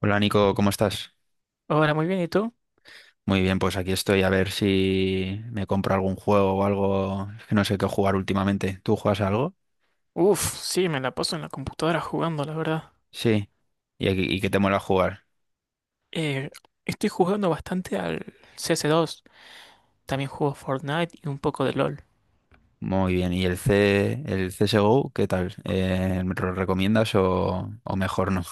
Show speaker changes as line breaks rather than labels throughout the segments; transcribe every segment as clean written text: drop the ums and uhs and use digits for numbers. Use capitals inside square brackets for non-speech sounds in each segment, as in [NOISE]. Hola Nico, ¿cómo estás?
Hola, muy bien, ¿y tú?
Muy bien, pues aquí estoy a ver si me compro algún juego o algo. Es que no sé qué jugar últimamente. ¿Tú juegas a algo?
Uf, sí, me la paso en la computadora jugando, la verdad.
Sí. ¿Y, qué te mola jugar?
Eh, Estoy jugando bastante al CS2. También juego Fortnite y un poco de LOL.
Muy bien. ¿Y el CSGO, qué tal? ¿Me lo recomiendas o mejor no?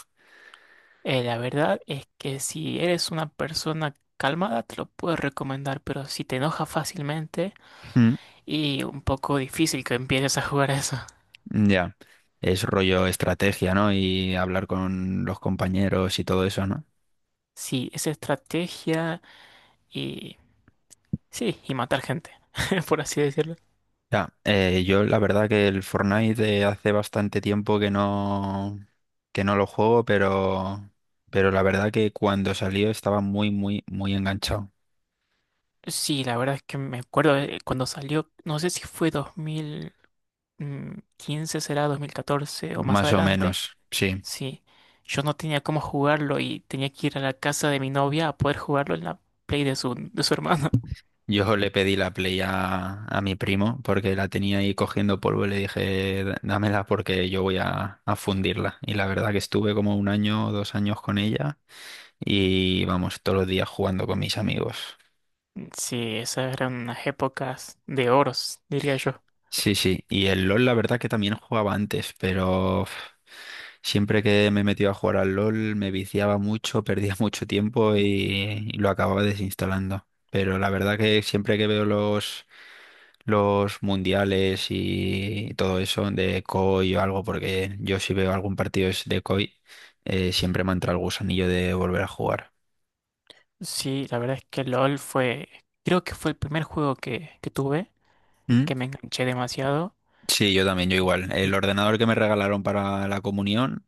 La verdad es que si eres una persona calmada, te lo puedo recomendar, pero si te enoja fácilmente
[LAUGHS] Mm,
y un poco difícil que empieces a jugar a eso.
ya. Es rollo estrategia, ¿no? Y hablar con los compañeros y todo eso, ¿no?
Sí, es estrategia. y... Sí, y matar gente, [LAUGHS] por así decirlo.
Ya, yo la verdad que el Fortnite hace bastante tiempo que no lo juego, pero la verdad que cuando salió estaba muy, muy, muy enganchado.
Sí, la verdad es que me acuerdo cuando salió, no sé si fue 2000, 15, será 2014 o más
Más o
adelante.
menos, sí.
Sí, yo no tenía cómo jugarlo y tenía que ir a la casa de mi novia a poder jugarlo en la Play de su hermano. [LAUGHS]
Yo le pedí la Play a mi primo porque la tenía ahí cogiendo polvo y le dije, Dámela porque yo voy a fundirla." Y la verdad que estuve como un año o dos años con ella y vamos, todos los días jugando con mis amigos.
Sí, esas eran unas épocas de oros, diría yo.
Sí, sí. Y el LOL, la verdad que también jugaba antes, pero uf, siempre que me metía a jugar al LOL me viciaba mucho, perdía [LAUGHS] mucho tiempo y lo acababa desinstalando. Pero la verdad que siempre que veo los mundiales y todo eso de COI o algo, porque yo si veo algún partido es de COI, siempre me entra el gusanillo de volver a jugar.
Sí, la verdad es que LOL fue, creo que fue el primer juego que tuve,
¿Mm?
que me enganché demasiado.
Sí, yo también, yo
Y,
igual. El
y
ordenador que me regalaron para la comunión,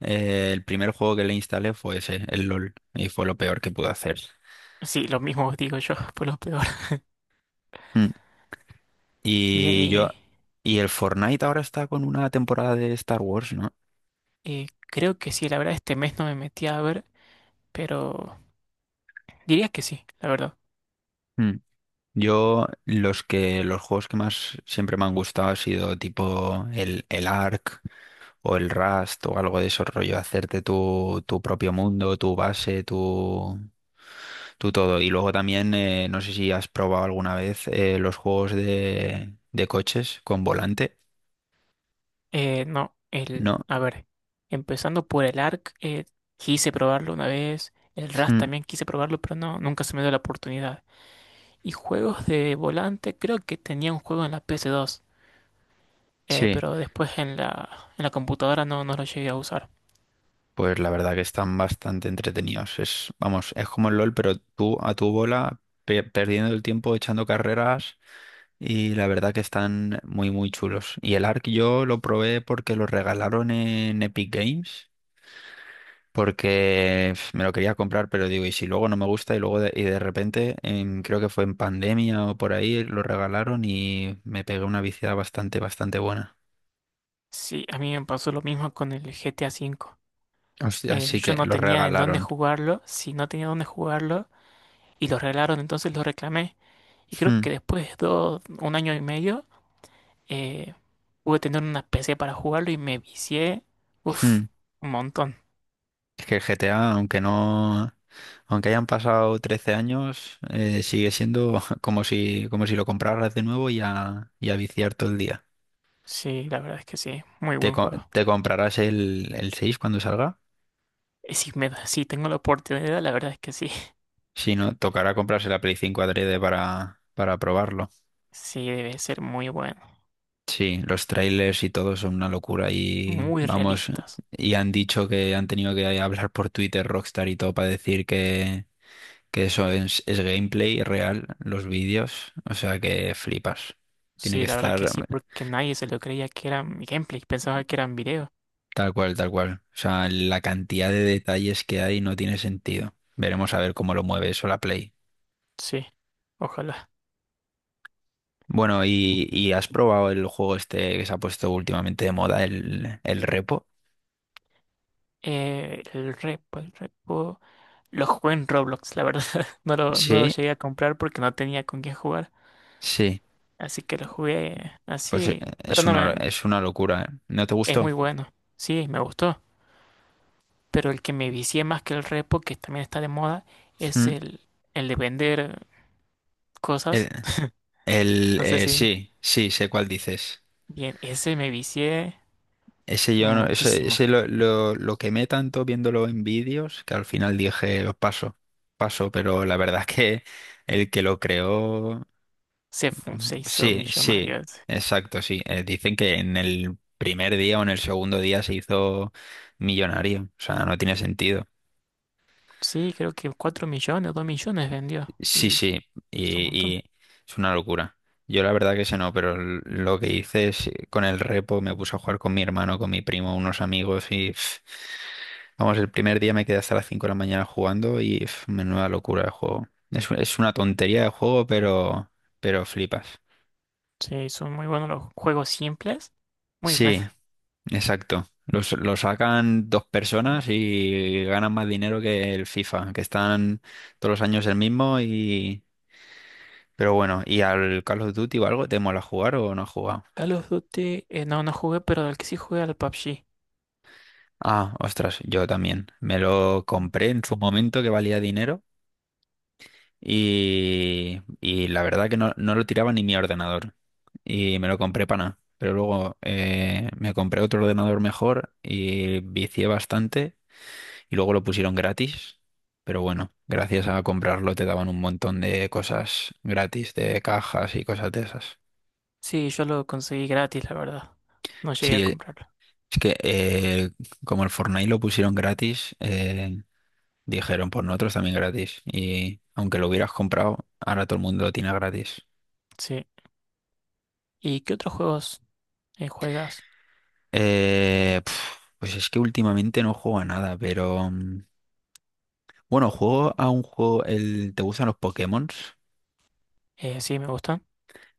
El primer juego que le instalé fue ese, el LOL, y fue lo peor que pude hacer.
sí, lo mismo digo yo, [LAUGHS] fue lo peor.
Mm.
Bien,
Y yo,
y,
y el Fortnite ahora está con una temporada de Star Wars, ¿no?
y creo que sí, la verdad este mes no me metí a ver, pero diría que sí, la verdad.
Mm. Yo los que los juegos que más siempre me han gustado ha sido tipo el Ark o el Rust o algo de esos rollo, hacerte tu, tu propio mundo, tu base, tu todo. Y luego también, no sé si has probado alguna vez los juegos de coches con volante,
No,
¿no?
a ver, empezando por el ARC, quise probarlo una vez, el RAS
Mm.
también quise probarlo, pero no, nunca se me dio la oportunidad. Y juegos de volante, creo que tenía un juego en la PS2,
Sí,
pero después en la computadora no, no lo llegué a usar.
pues la verdad que están bastante entretenidos. Es, vamos, es como el LOL, pero tú a tu bola, perdiendo el tiempo, echando carreras, y la verdad que están muy, muy chulos. Y el Ark yo lo probé porque lo regalaron en Epic Games, porque pf, me lo quería comprar, pero digo, y si luego no me gusta, y de repente, creo que fue en pandemia o por ahí, lo regalaron y me pegué una viciada bastante, bastante buena.
Sí, a mí me pasó lo mismo con el g GTA V.
Así así que
Yo no
lo
tenía en dónde
regalaron.
jugarlo, si no tenía dónde jugarlo, y lo regalaron, entonces lo reclamé. Y creo
Hmm,
que después de un año y medio, eh, pude tener una PC para jugarlo y me vicié, uf,
hmm.
un montón.
Es que el GTA, aunque no, aunque hayan pasado 13 años, sigue siendo [LAUGHS] como si lo compraras de nuevo y a viciar todo el día.
Sí, la verdad es que sí, muy
¿Te,
buen juego.
te comprarás el 6 cuando salga?
Y si tengo la oportunidad, la verdad es que sí. [LAUGHS]
Si no, tocará comprarse la Play 5 adrede para probarlo.
Sí, debe ser muy bueno,
Sí, los trailers y todo son una locura y
muy
vamos,
realistas.
y han dicho que han tenido que hablar por Twitter Rockstar y todo para decir que eso es gameplay real, los vídeos, o sea que flipas. Tiene que
Sí, la verdad que
estar
sí, porque nadie se lo creía que eran gameplay, pensaba que eran videos.
tal cual, tal cual. O sea, la cantidad de detalles que hay no tiene sentido. Veremos a ver cómo lo mueve eso la Play.
Sí, ojalá.
Bueno, ¿y has probado el juego este que se ha puesto últimamente de moda, el Repo?
El repo. Lo jugué en Roblox, la verdad. [LAUGHS] No lo
Sí,
llegué a comprar porque no tenía con quién jugar.
sí.
Así que lo jugué
Pues
así, pero no me.
es una locura. ¿Eh? ¿No te
Es
gustó?
muy bueno, sí, me gustó. Pero el que me vicié más que el repo, que también está de moda, es
Mm.
el de vender
El,
cosas. No sé si
sí, sí, sé cuál dices.
bien, ese me vicié
Ese yo no, ese
muchísimo.
lo quemé tanto viéndolo en vídeos que al final dije, "Os paso, paso, pero la verdad es que el que lo creó,"
Se, fu-
mm,
se hizo
sí, sí,
millonario, ese.
exacto, sí. Dicen que en el primer día o en el segundo día se hizo millonario, o sea, no tiene sentido.
Sí, creo que 4 millones, 2 millones vendió.
Sí,
Y
sí,
es un montón.
y es una locura. Yo la verdad que sé no, pero lo que hice es, con el repo me puse a jugar con mi hermano, con mi primo, unos amigos y... pf, vamos, el primer día me quedé hasta las 5 de la mañana jugando y pf, menuda locura de juego. Es una tontería de juego, pero flipas.
Sí, son muy buenos los juegos simples. Muy
Sí,
buenos.
exacto. Lo sacan dos personas y ganan más dinero que el FIFA, que están todos los años el mismo y... Pero bueno, ¿y al Call of Duty o algo te mola jugar o no has jugado?
Call of Duty, no, no jugué, pero el que sí jugué al PUBG.
Ah, ostras, yo también. Me lo compré en su momento que valía dinero. Y la verdad que no, no lo tiraba ni mi ordenador. Y me lo compré para nada. Pero luego me compré otro ordenador mejor y vicié bastante. Y luego lo pusieron gratis. Pero bueno, gracias a comprarlo te daban un montón de cosas gratis, de cajas y cosas de esas.
Sí, yo lo conseguí gratis, la verdad. No llegué
Sí,
a comprarlo.
es que como el Fortnite lo pusieron gratis, dijeron, pues nosotros también gratis. Y aunque lo hubieras comprado, ahora todo el mundo lo tiene gratis.
Sí. ¿Y qué otros juegos juegas?
Pf, pues es que últimamente no juego a nada, pero mm, bueno, juego a un juego, el, ¿te gustan los Pokémon?
Sí, me gustan.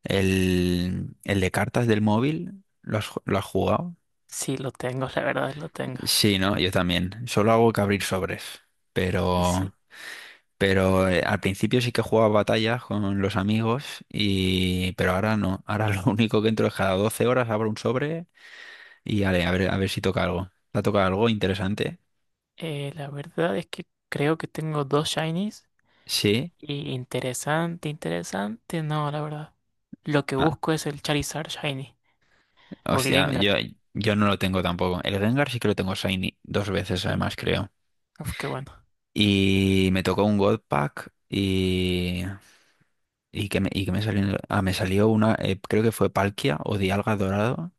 El de cartas del móvil, ¿lo has, lo has jugado?
Sí, lo tengo, [LAUGHS] la verdad lo tengo.
Sí, ¿no? Yo también. Solo hago que abrir sobres, pero,
Sí,
pero al principio sí que jugaba batallas con los amigos y, pero ahora no. Ahora [LAUGHS] lo único que entro es cada 12 horas abro un sobre y ale, a ver si toca algo. ¿Te ha tocado algo interesante?
La verdad es que creo que tengo dos shinies.
Sí.
Y interesante, interesante, no, la verdad. Lo que busco es el Charizard Shiny o el
Hostia, yo,
Gengar,
yo no lo tengo tampoco. El Rengar sí que lo tengo Shiny dos veces
¿sí?
además, creo.
Uf, qué bueno,
Y me tocó un God Pack y que me salió? Ah, me salió una, creo que fue Palkia o Dialga Dorado.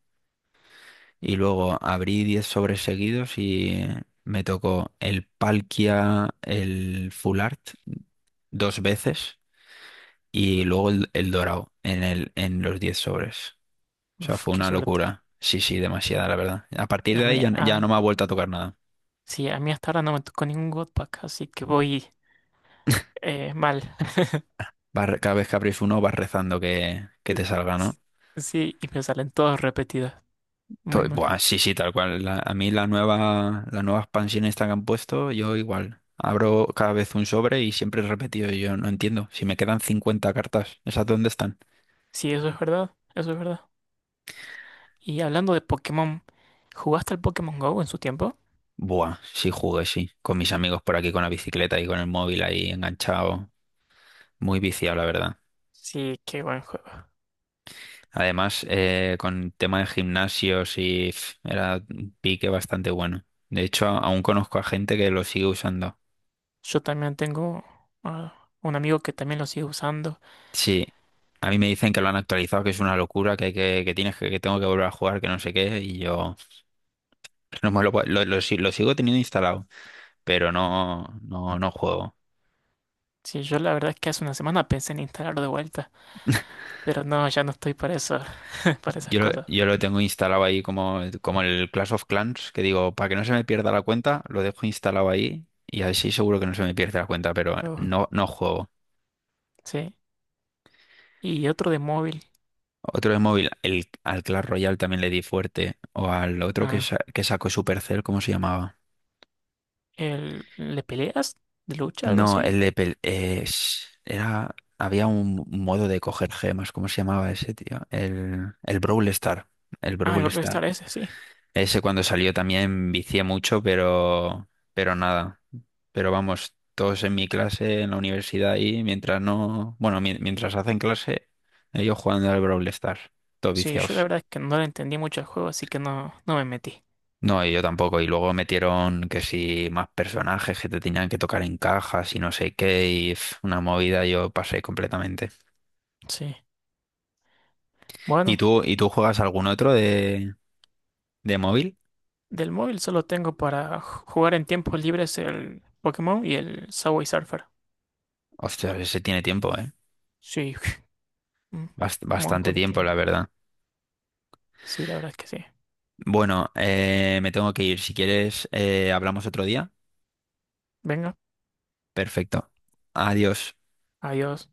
Y luego abrí 10 sobres seguidos y me tocó el Palkia, el Full Art dos veces y luego el Dorado en, el, en los 10 sobres. O sea,
uf,
fue
qué
una
suerte.
locura. Sí, sí, demasiada, la verdad. A partir de
A
ahí
mí,
ya no me ha vuelto a tocar nada.
sí, a mí hasta ahora no me tocó ningún God Pack, así que voy mal. [LAUGHS]
Cada vez que abrís uno vas rezando que te salga, ¿no?
Sí, y me salen todos repetidos, muy mal.
Buah, sí, sí, tal cual. A mí la nueva expansión esta que han puesto, yo igual. Abro cada vez un sobre y siempre he repetido. Y yo no entiendo. Si me quedan 50 cartas, ¿esas dónde están?
Sí, eso es verdad, eso es verdad. Y hablando de Pokémon, ¿jugaste al Pokémon Go en su tiempo?
Buah, sí jugué, sí. Con mis amigos por aquí con la bicicleta y con el móvil ahí enganchado. Muy viciado, la verdad.
Sí, qué buen juego.
Además, con tema de gimnasios y pf, era un pique bastante bueno. De hecho, aún conozco a gente que lo sigue usando.
Yo también tengo un amigo que también lo sigue usando.
Sí, a mí me dicen que lo han actualizado, que es una locura, que tienes que tengo que volver a jugar, que no sé qué, y yo [LAUGHS] no me lo, puedo- lo si- lo sigo teniendo instalado, pero no, no, no juego.
Sí, yo la verdad es que hace una semana pensé en instalarlo de vuelta, pero no, ya no estoy para eso, [LAUGHS] para esas cosas.
Yo lo tengo instalado ahí como, como el Clash of Clans, que digo, para que no se me pierda la cuenta, lo dejo instalado ahí y así seguro que no se me pierde la cuenta, pero
Uf,
no, no juego.
sí. Y otro de móvil,
Otro de móvil, el, al Clash Royale también le di fuerte, o al otro
ah,
que sacó Supercell, ¿cómo se llamaba?
el ¿le peleas? ¿De lucha, algo
No,
así?
el de era había un modo de coger gemas, ¿cómo se llamaba ese, tío? El Brawl Star, el
Ah, el
Brawl
Brawl
Star.
Stars ese, sí.
Ese cuando salió también vicié mucho, pero nada. Pero vamos, todos en mi clase, en la universidad y mientras no, bueno, mientras hacen clase, ellos jugando al Brawl Stars, todos
Sí, yo la
viciados.
verdad es que no le entendí mucho al juego, así que no, no me metí.
No, y yo tampoco. Y luego metieron que si más personajes que te tenían que tocar en cajas y no sé qué, y pf, una movida yo pasé completamente.
Sí. Bueno.
¿Y tú juegas algún otro de móvil?
Del móvil solo tengo para jugar en tiempos libres el Pokémon y el Subway Surfer.
Hostia, ese tiene tiempo, ¿eh?
Sí, [LAUGHS] un
Bastante
montón de
tiempo,
tiempo.
la verdad.
Sí, la verdad es que sí.
Bueno, me tengo que ir. Si quieres, hablamos otro día.
Venga,
Perfecto. Adiós.
adiós.